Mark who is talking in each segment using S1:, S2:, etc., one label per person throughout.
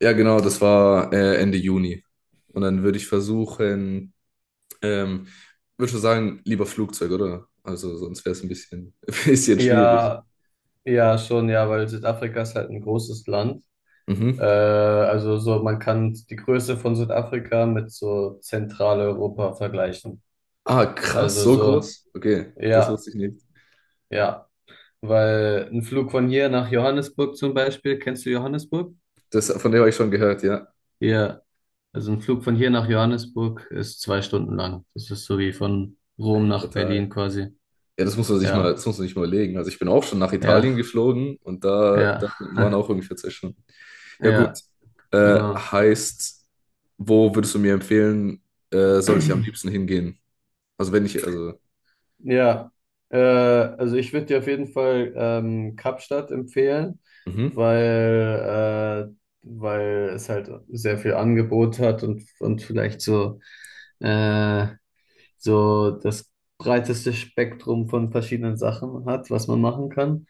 S1: Ja, genau, das war Ende Juni. Und dann würde ich versuchen, ähm, würde schon sagen, lieber Flugzeug, oder? Also sonst wäre es ein bisschen, ein bisschen schwierig.
S2: Ja, ja, schon, ja, weil Südafrika ist halt ein großes Land.
S1: Mhm.
S2: Also so, man kann die Größe von Südafrika mit so Zentraleuropa vergleichen.
S1: Ah, krass,
S2: Also
S1: so
S2: so,
S1: groß? Okay, das
S2: ja,
S1: wusste ich nicht.
S2: ja. Weil ein Flug von hier nach Johannesburg zum Beispiel, kennst du Johannesburg?
S1: Das, von dem habe ich schon gehört, ja.
S2: Ja, also ein Flug von hier nach Johannesburg ist 2 Stunden lang. Das ist so wie von Rom
S1: Ey,
S2: nach Berlin
S1: brutal.
S2: quasi.
S1: Ja, das muss man sich mal,
S2: Ja,
S1: das muss man sich mal überlegen. Also ich bin auch schon nach
S2: ja,
S1: Italien geflogen und da
S2: ja,
S1: waren auch ungefähr zwei Stunden. Ja, gut.
S2: ja,
S1: Äh,
S2: genau.
S1: heißt, Wo würdest du mir empfehlen, sollte ich am liebsten hingehen? Also wenn ich, also
S2: Ja, also ich würde dir auf jeden Fall Kapstadt empfehlen,
S1: Mhm.
S2: weil, äh, weil es halt sehr viel Angebot hat und vielleicht äh, so das breiteste Spektrum von verschiedenen Sachen hat, was man machen kann.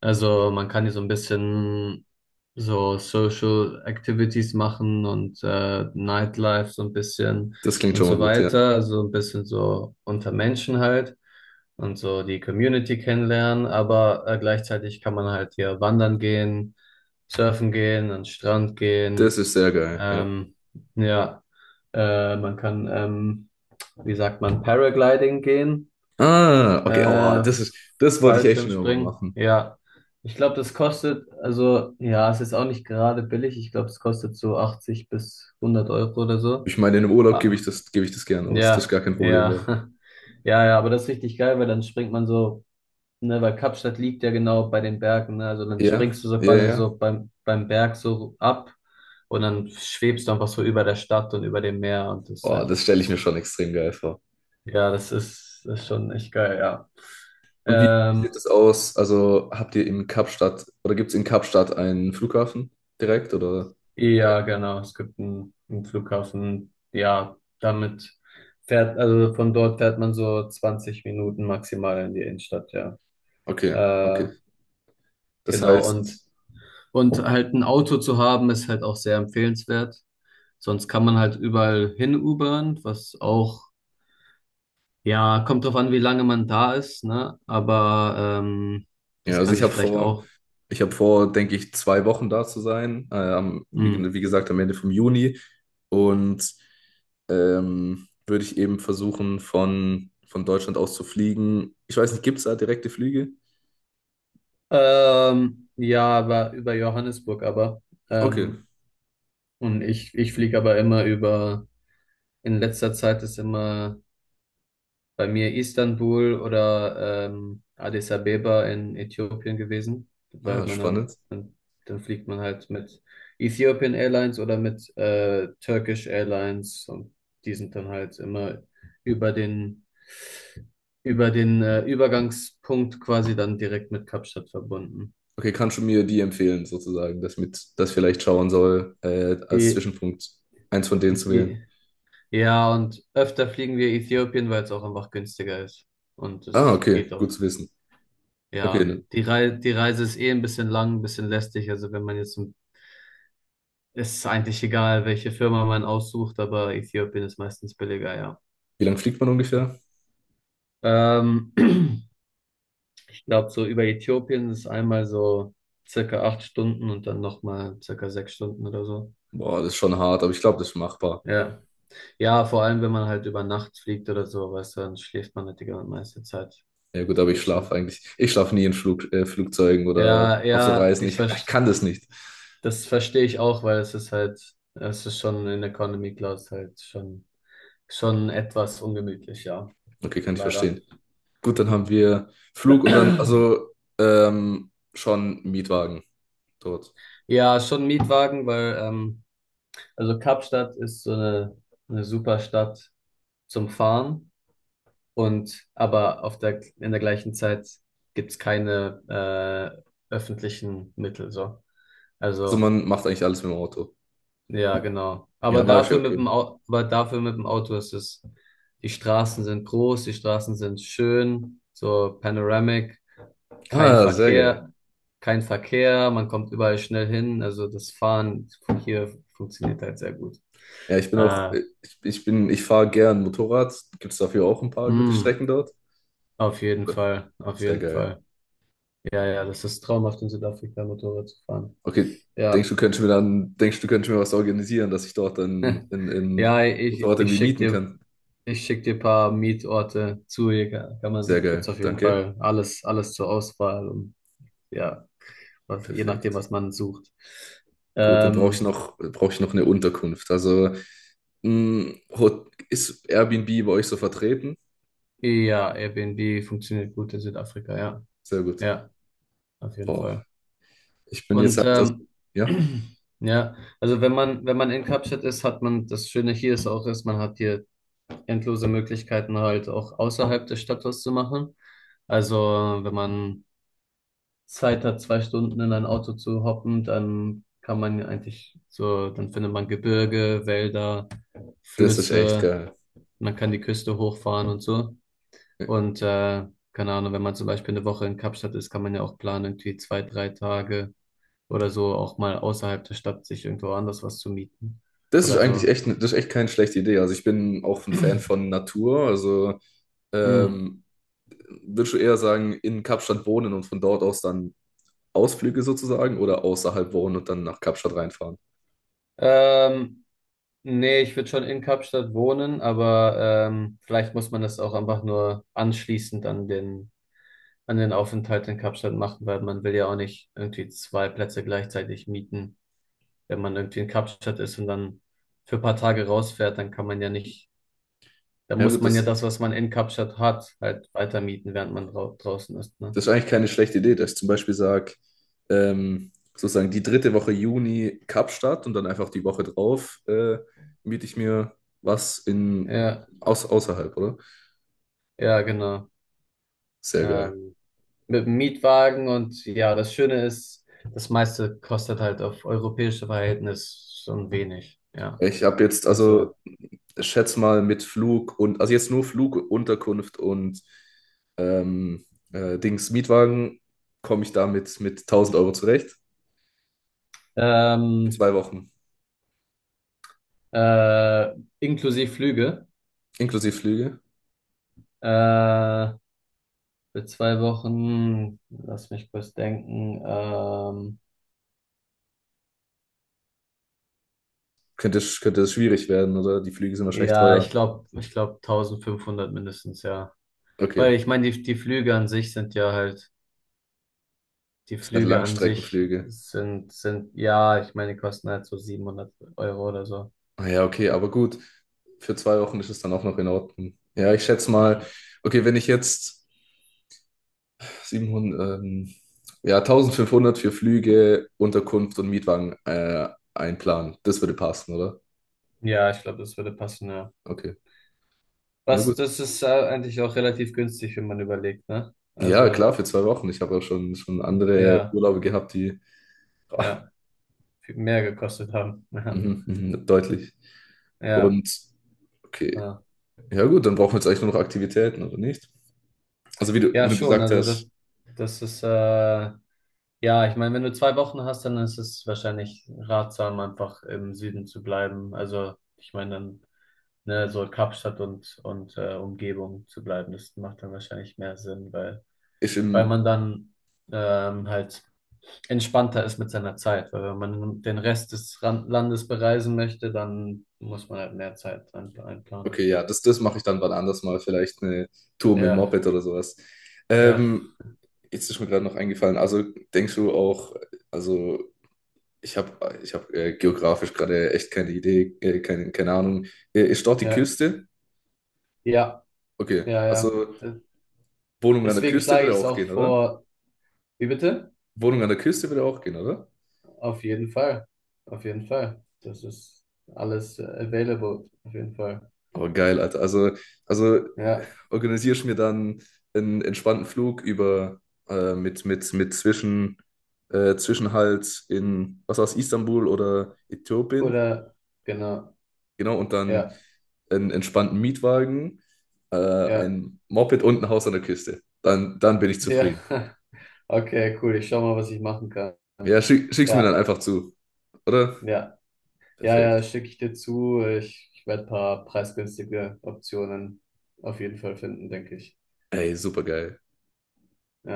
S2: Also man kann hier so ein bisschen so Social Activities machen und Nightlife so ein bisschen
S1: Das klingt
S2: und
S1: schon mal
S2: so
S1: gut, ja.
S2: weiter. Also ein bisschen so unter Menschen halt und so die Community kennenlernen. Aber gleichzeitig kann man halt hier wandern gehen, surfen gehen, an den Strand
S1: Das
S2: gehen.
S1: ist sehr geil, ja.
S2: Ähm, ja, man kann, wie sagt man, Paragliding gehen.
S1: Ah, okay, oh,
S2: Äh,
S1: das wollte ich echt schon immer mal
S2: Fallschirmspringen,
S1: machen.
S2: ja. Ich glaube, das kostet, also ja, es ist auch nicht gerade billig. Ich glaube, es kostet so 80 bis 100 Euro oder so.
S1: Ich meine, in einem Urlaub
S2: Ah,
S1: gebe ich das gerne aus. Das ist
S2: ja,
S1: gar kein Problem
S2: ja,
S1: dann.
S2: ja, ja, aber das ist richtig geil, weil dann springt man so, ne, weil Kapstadt liegt ja genau bei den Bergen, ne, also dann springst
S1: Ja,
S2: du so
S1: ja,
S2: quasi
S1: ja.
S2: so beim Berg so ab und dann schwebst du einfach so über der Stadt und über dem Meer und das ist
S1: Oh,
S2: halt,
S1: das stelle ich mir schon extrem geil vor.
S2: ja, das ist schon echt geil, ja.
S1: Und wie
S2: Ähm,
S1: sieht das aus? Also habt ihr in Kapstadt oder gibt es in Kapstadt einen Flughafen direkt oder?
S2: Ja, genau. Es gibt einen Flughafen. Ja, damit fährt, also von dort fährt man so 20 Minuten maximal in die Innenstadt, ja.
S1: Okay, okay.
S2: Äh,
S1: Das
S2: genau. Und,
S1: heißt,
S2: und halt ein Auto zu haben, ist halt auch sehr empfehlenswert. Sonst kann man halt überall hin Ubern, was auch, ja, kommt drauf an, wie lange man da ist, ne? Aber
S1: Ja,
S2: das
S1: also
S2: kann sich vielleicht auch.
S1: ich habe vor, denke ich, zwei Wochen da zu sein, am,
S2: Mh.
S1: wie gesagt, am Ende vom Juni. Und würde ich eben versuchen, von Deutschland aus zu fliegen. Ich weiß nicht, gibt es da direkte Flüge?
S2: Ja, aber über Johannesburg aber.
S1: Okay.
S2: Ähm, Und ich fliege aber immer über, in letzter Zeit ist immer bei mir Istanbul oder Addis Abeba in Äthiopien gewesen, weil
S1: Ah,
S2: man dann,
S1: spannend.
S2: dann, dann fliegt man halt mit Ethiopian Airlines oder mit Turkish Airlines und die sind dann halt immer über den, über den Übergangspunkt quasi dann direkt mit Kapstadt verbunden.
S1: Okay, kannst du mir die empfehlen, sozusagen, dass ich mit das vielleicht schauen soll, als
S2: I,
S1: Zwischenpunkt eins von denen zu wählen?
S2: I, Ja, und öfter fliegen wir Äthiopien, weil es auch einfach günstiger ist. Und
S1: Ah,
S2: es
S1: okay,
S2: geht auch.
S1: gut zu wissen.
S2: Ja,
S1: Okay,
S2: und
S1: ne.
S2: die Reise ist eh ein bisschen lang, ein bisschen lästig. Also wenn man jetzt, es ist eigentlich egal, welche Firma man aussucht, aber Äthiopien ist meistens billiger, ja.
S1: Wie lange fliegt man ungefähr?
S2: Ähm, Ich glaube, so über Äthiopien ist einmal so circa 8 Stunden und dann nochmal circa 6 Stunden oder so.
S1: Boah, das ist schon hart, aber ich glaube, das ist machbar.
S2: Ja. Ja, vor allem, wenn man halt über Nacht fliegt oder so, weißt du, dann schläft man halt die ganze meiste Zeit.
S1: Ja gut,
S2: Das
S1: aber ich
S2: geht schon.
S1: schlafe eigentlich. Ich schlafe nie in Flug, Flugzeugen oder
S2: Ja,
S1: auf so
S2: ja,
S1: Reisen.
S2: ich
S1: Ich
S2: verstehe.
S1: kann das nicht.
S2: Das verstehe ich auch, weil es ist halt, es ist schon in Economy Class halt schon etwas ungemütlich, ja,
S1: Okay, kann ich
S2: leider.
S1: verstehen. Gut, dann haben wir Flug und dann also schon Mietwagen dort.
S2: Ja, schon Mietwagen, weil, also Kapstadt ist so eine super Stadt zum Fahren und aber auf der, in der gleichen Zeit gibt's keine öffentlichen Mittel, so.
S1: Also
S2: Also,
S1: man macht eigentlich alles mit dem Auto.
S2: ja, genau.
S1: Ja.
S2: Aber
S1: Ah, ist ja
S2: dafür mit dem
S1: okay.
S2: Auto, aber dafür mit dem Auto ist es, die Straßen sind groß, die Straßen sind schön, so panoramic, kein
S1: Ah, sehr geil.
S2: Verkehr, kein Verkehr, man kommt überall schnell hin. Also das Fahren hier funktioniert halt sehr gut.
S1: Ja, ich bin auch,
S2: Äh,
S1: ich, ich bin, ich fahre gern Motorrad. Gibt es dafür auch ein paar gute
S2: mh,
S1: Strecken dort?
S2: auf jeden
S1: Ja,
S2: Fall, auf
S1: sehr
S2: jeden
S1: geil.
S2: Fall. Ja, ja, das ist traumhaft, in Südafrika Motorrad zu fahren.
S1: Okay,
S2: Ja.
S1: denkst du, könntest mir was organisieren, dass ich dort dann in
S2: Ja, ich,
S1: Motorrad
S2: ich
S1: irgendwie
S2: schick
S1: mieten
S2: dir,
S1: kann?
S2: ich schick dir ein paar Mietorte zu. Hier kann
S1: Sehr
S2: man, gibt's
S1: geil,
S2: auf jeden
S1: danke.
S2: Fall alles, alles zur Auswahl und ja, was, je nachdem,
S1: Perfekt.
S2: was man sucht.
S1: Gut, dann
S2: Ähm,
S1: brauche ich noch eine Unterkunft. Also ist Airbnb bei euch so vertreten?
S2: ja, Airbnb funktioniert gut in Südafrika, ja.
S1: Sehr gut.
S2: Ja, auf jeden
S1: Boah,
S2: Fall.
S1: ich bin jetzt
S2: Und
S1: halt, also, ja,
S2: ja, also wenn man in Kapstadt ist, hat man, das Schöne hier ist auch, ist, man hat hier endlose Möglichkeiten halt auch außerhalb des Stadtors zu machen. Also wenn man Zeit hat, 2 Stunden in ein Auto zu hoppen, dann kann man ja eigentlich so, dann findet man Gebirge, Wälder,
S1: das ist echt
S2: Flüsse,
S1: geil.
S2: man kann die Küste hochfahren und so. Und keine Ahnung, wenn man zum Beispiel eine Woche in Kapstadt ist, kann man ja auch planen, irgendwie 2, 3 Tage oder so auch mal außerhalb der Stadt sich irgendwo anders was zu mieten
S1: Das ist
S2: oder
S1: eigentlich
S2: so.
S1: echt, ne, das ist echt keine schlechte Idee. Also ich bin auch ein Fan von Natur. Also
S2: Hm.
S1: ähm, würdest du eher sagen, in Kapstadt wohnen und von dort aus dann Ausflüge sozusagen oder außerhalb wohnen und dann nach Kapstadt reinfahren?
S2: Ähm, Nee, ich würde schon in Kapstadt wohnen, aber vielleicht muss man das auch einfach nur anschließend an den Aufenthalt in Kapstadt machen, weil man will ja auch nicht irgendwie zwei Plätze gleichzeitig mieten. Wenn man irgendwie in Kapstadt ist und dann für ein paar Tage rausfährt, dann kann man ja nicht, dann
S1: Ja
S2: muss
S1: gut,
S2: man ja
S1: das.
S2: das, was man in Kapstadt hat, halt weiter mieten, während man drau draußen ist, ne?
S1: Das ist eigentlich keine schlechte Idee, dass ich zum Beispiel sage, sozusagen die dritte Woche Juni Kapstadt und dann einfach die Woche drauf miete ich mir was in
S2: Ja,
S1: aus, außerhalb, oder?
S2: ja, genau.
S1: Sehr geil.
S2: Ähm, mit dem Mietwagen und ja, das Schöne ist, das meiste kostet halt auf europäische Verhältnis schon wenig, ja.
S1: Ich habe jetzt,
S2: Also,
S1: also schätz mal mit Flug und, also jetzt nur Flug, Unterkunft und ähm, Dings Mietwagen, komme ich damit mit 1000 Euro zurecht. Für
S2: ähm,
S1: zwei Wochen,
S2: äh, inklusive Flüge.
S1: inklusive Flüge.
S2: Äh, Für zwei Wochen, lass mich kurz denken.
S1: Könnte es schwierig werden, oder? Die Flüge sind wahrscheinlich
S2: Ja,
S1: teuer.
S2: ich glaube 1500 mindestens, ja.
S1: Okay,
S2: Weil ich meine, die Flüge an sich sind ja halt, die
S1: das sind halt
S2: Flüge an sich
S1: Langstreckenflüge.
S2: sind ja, ich meine, die kosten halt so 700 Euro oder so.
S1: Ah ja, okay, aber gut. Für zwei Wochen ist es dann auch noch in Ordnung. Ja, ich schätze mal,
S2: Hm.
S1: okay, wenn ich jetzt 700, ja, 1500 für Flüge, Unterkunft und Mietwagen einplanen, das würde passen, oder?
S2: Ja, ich glaube, das würde passen, ja.
S1: Okay, ja,
S2: Was,
S1: gut.
S2: das ist eigentlich auch relativ günstig, wenn man überlegt, ne?
S1: Ja, klar,
S2: Also,
S1: für zwei Wochen. Ich habe auch schon andere
S2: ja,
S1: Urlaube gehabt, die ah,
S2: ja, viel mehr gekostet haben.
S1: mhm, mhm, deutlich.
S2: Ja,
S1: Und okay,
S2: ja.
S1: ja, gut, dann brauchen wir jetzt eigentlich nur noch Aktivitäten, oder nicht? Also, wie
S2: Ja,
S1: du
S2: schon.
S1: gesagt
S2: Also das,
S1: hast,
S2: das ist, ja, ich meine, wenn du 2 Wochen hast, dann ist es wahrscheinlich ratsam, einfach im Süden zu bleiben. Also ich meine, dann, ne, so Kapstadt und Umgebung zu bleiben, das macht dann wahrscheinlich mehr Sinn, weil,
S1: ist
S2: weil
S1: im
S2: man dann halt entspannter ist mit seiner Zeit. Weil wenn man den Rest des Landes bereisen möchte, dann muss man halt mehr Zeit einplanen.
S1: okay, ja, das mache ich dann wann anders mal. Vielleicht eine Tour mit dem
S2: Ja,
S1: Moped oder sowas.
S2: ja,
S1: Ähm, jetzt ist mir gerade noch eingefallen. Also denkst du auch, also ich habe ich hab, geografisch gerade echt keine Idee, keine Ahnung. Ist dort die
S2: ja,
S1: Küste?
S2: ja,
S1: Okay,
S2: ja, ja.
S1: also Wohnung an der
S2: Deswegen
S1: Küste
S2: schlage
S1: würde
S2: ich es
S1: auch
S2: auch
S1: gehen, oder?
S2: vor. Wie bitte?
S1: Wohnung an der Küste würde auch gehen, oder?
S2: Auf jeden Fall. Auf jeden Fall. Das ist alles available. Auf jeden Fall.
S1: Oh, geil, Alter. Also
S2: Ja.
S1: organisierst mir dann einen entspannten Flug über mit Zwischenhalt in, was war's, Istanbul oder Äthiopien.
S2: Oder, genau.
S1: Genau, und dann
S2: Ja.
S1: einen entspannten Mietwagen,
S2: Ja.
S1: ein Moped und ein Haus an der Küste. Dann bin ich
S2: Ja.
S1: zufrieden.
S2: Okay, cool. Ich schau mal, was ich machen kann.
S1: Ja, schick's mir dann
S2: Ja.
S1: einfach zu, oder?
S2: Ja. Ja, ja,
S1: Perfekt.
S2: schicke ich dir zu. Ich werde ein paar preisgünstige Optionen auf jeden Fall finden, denke ich.
S1: Ey, super geil.
S2: Ja.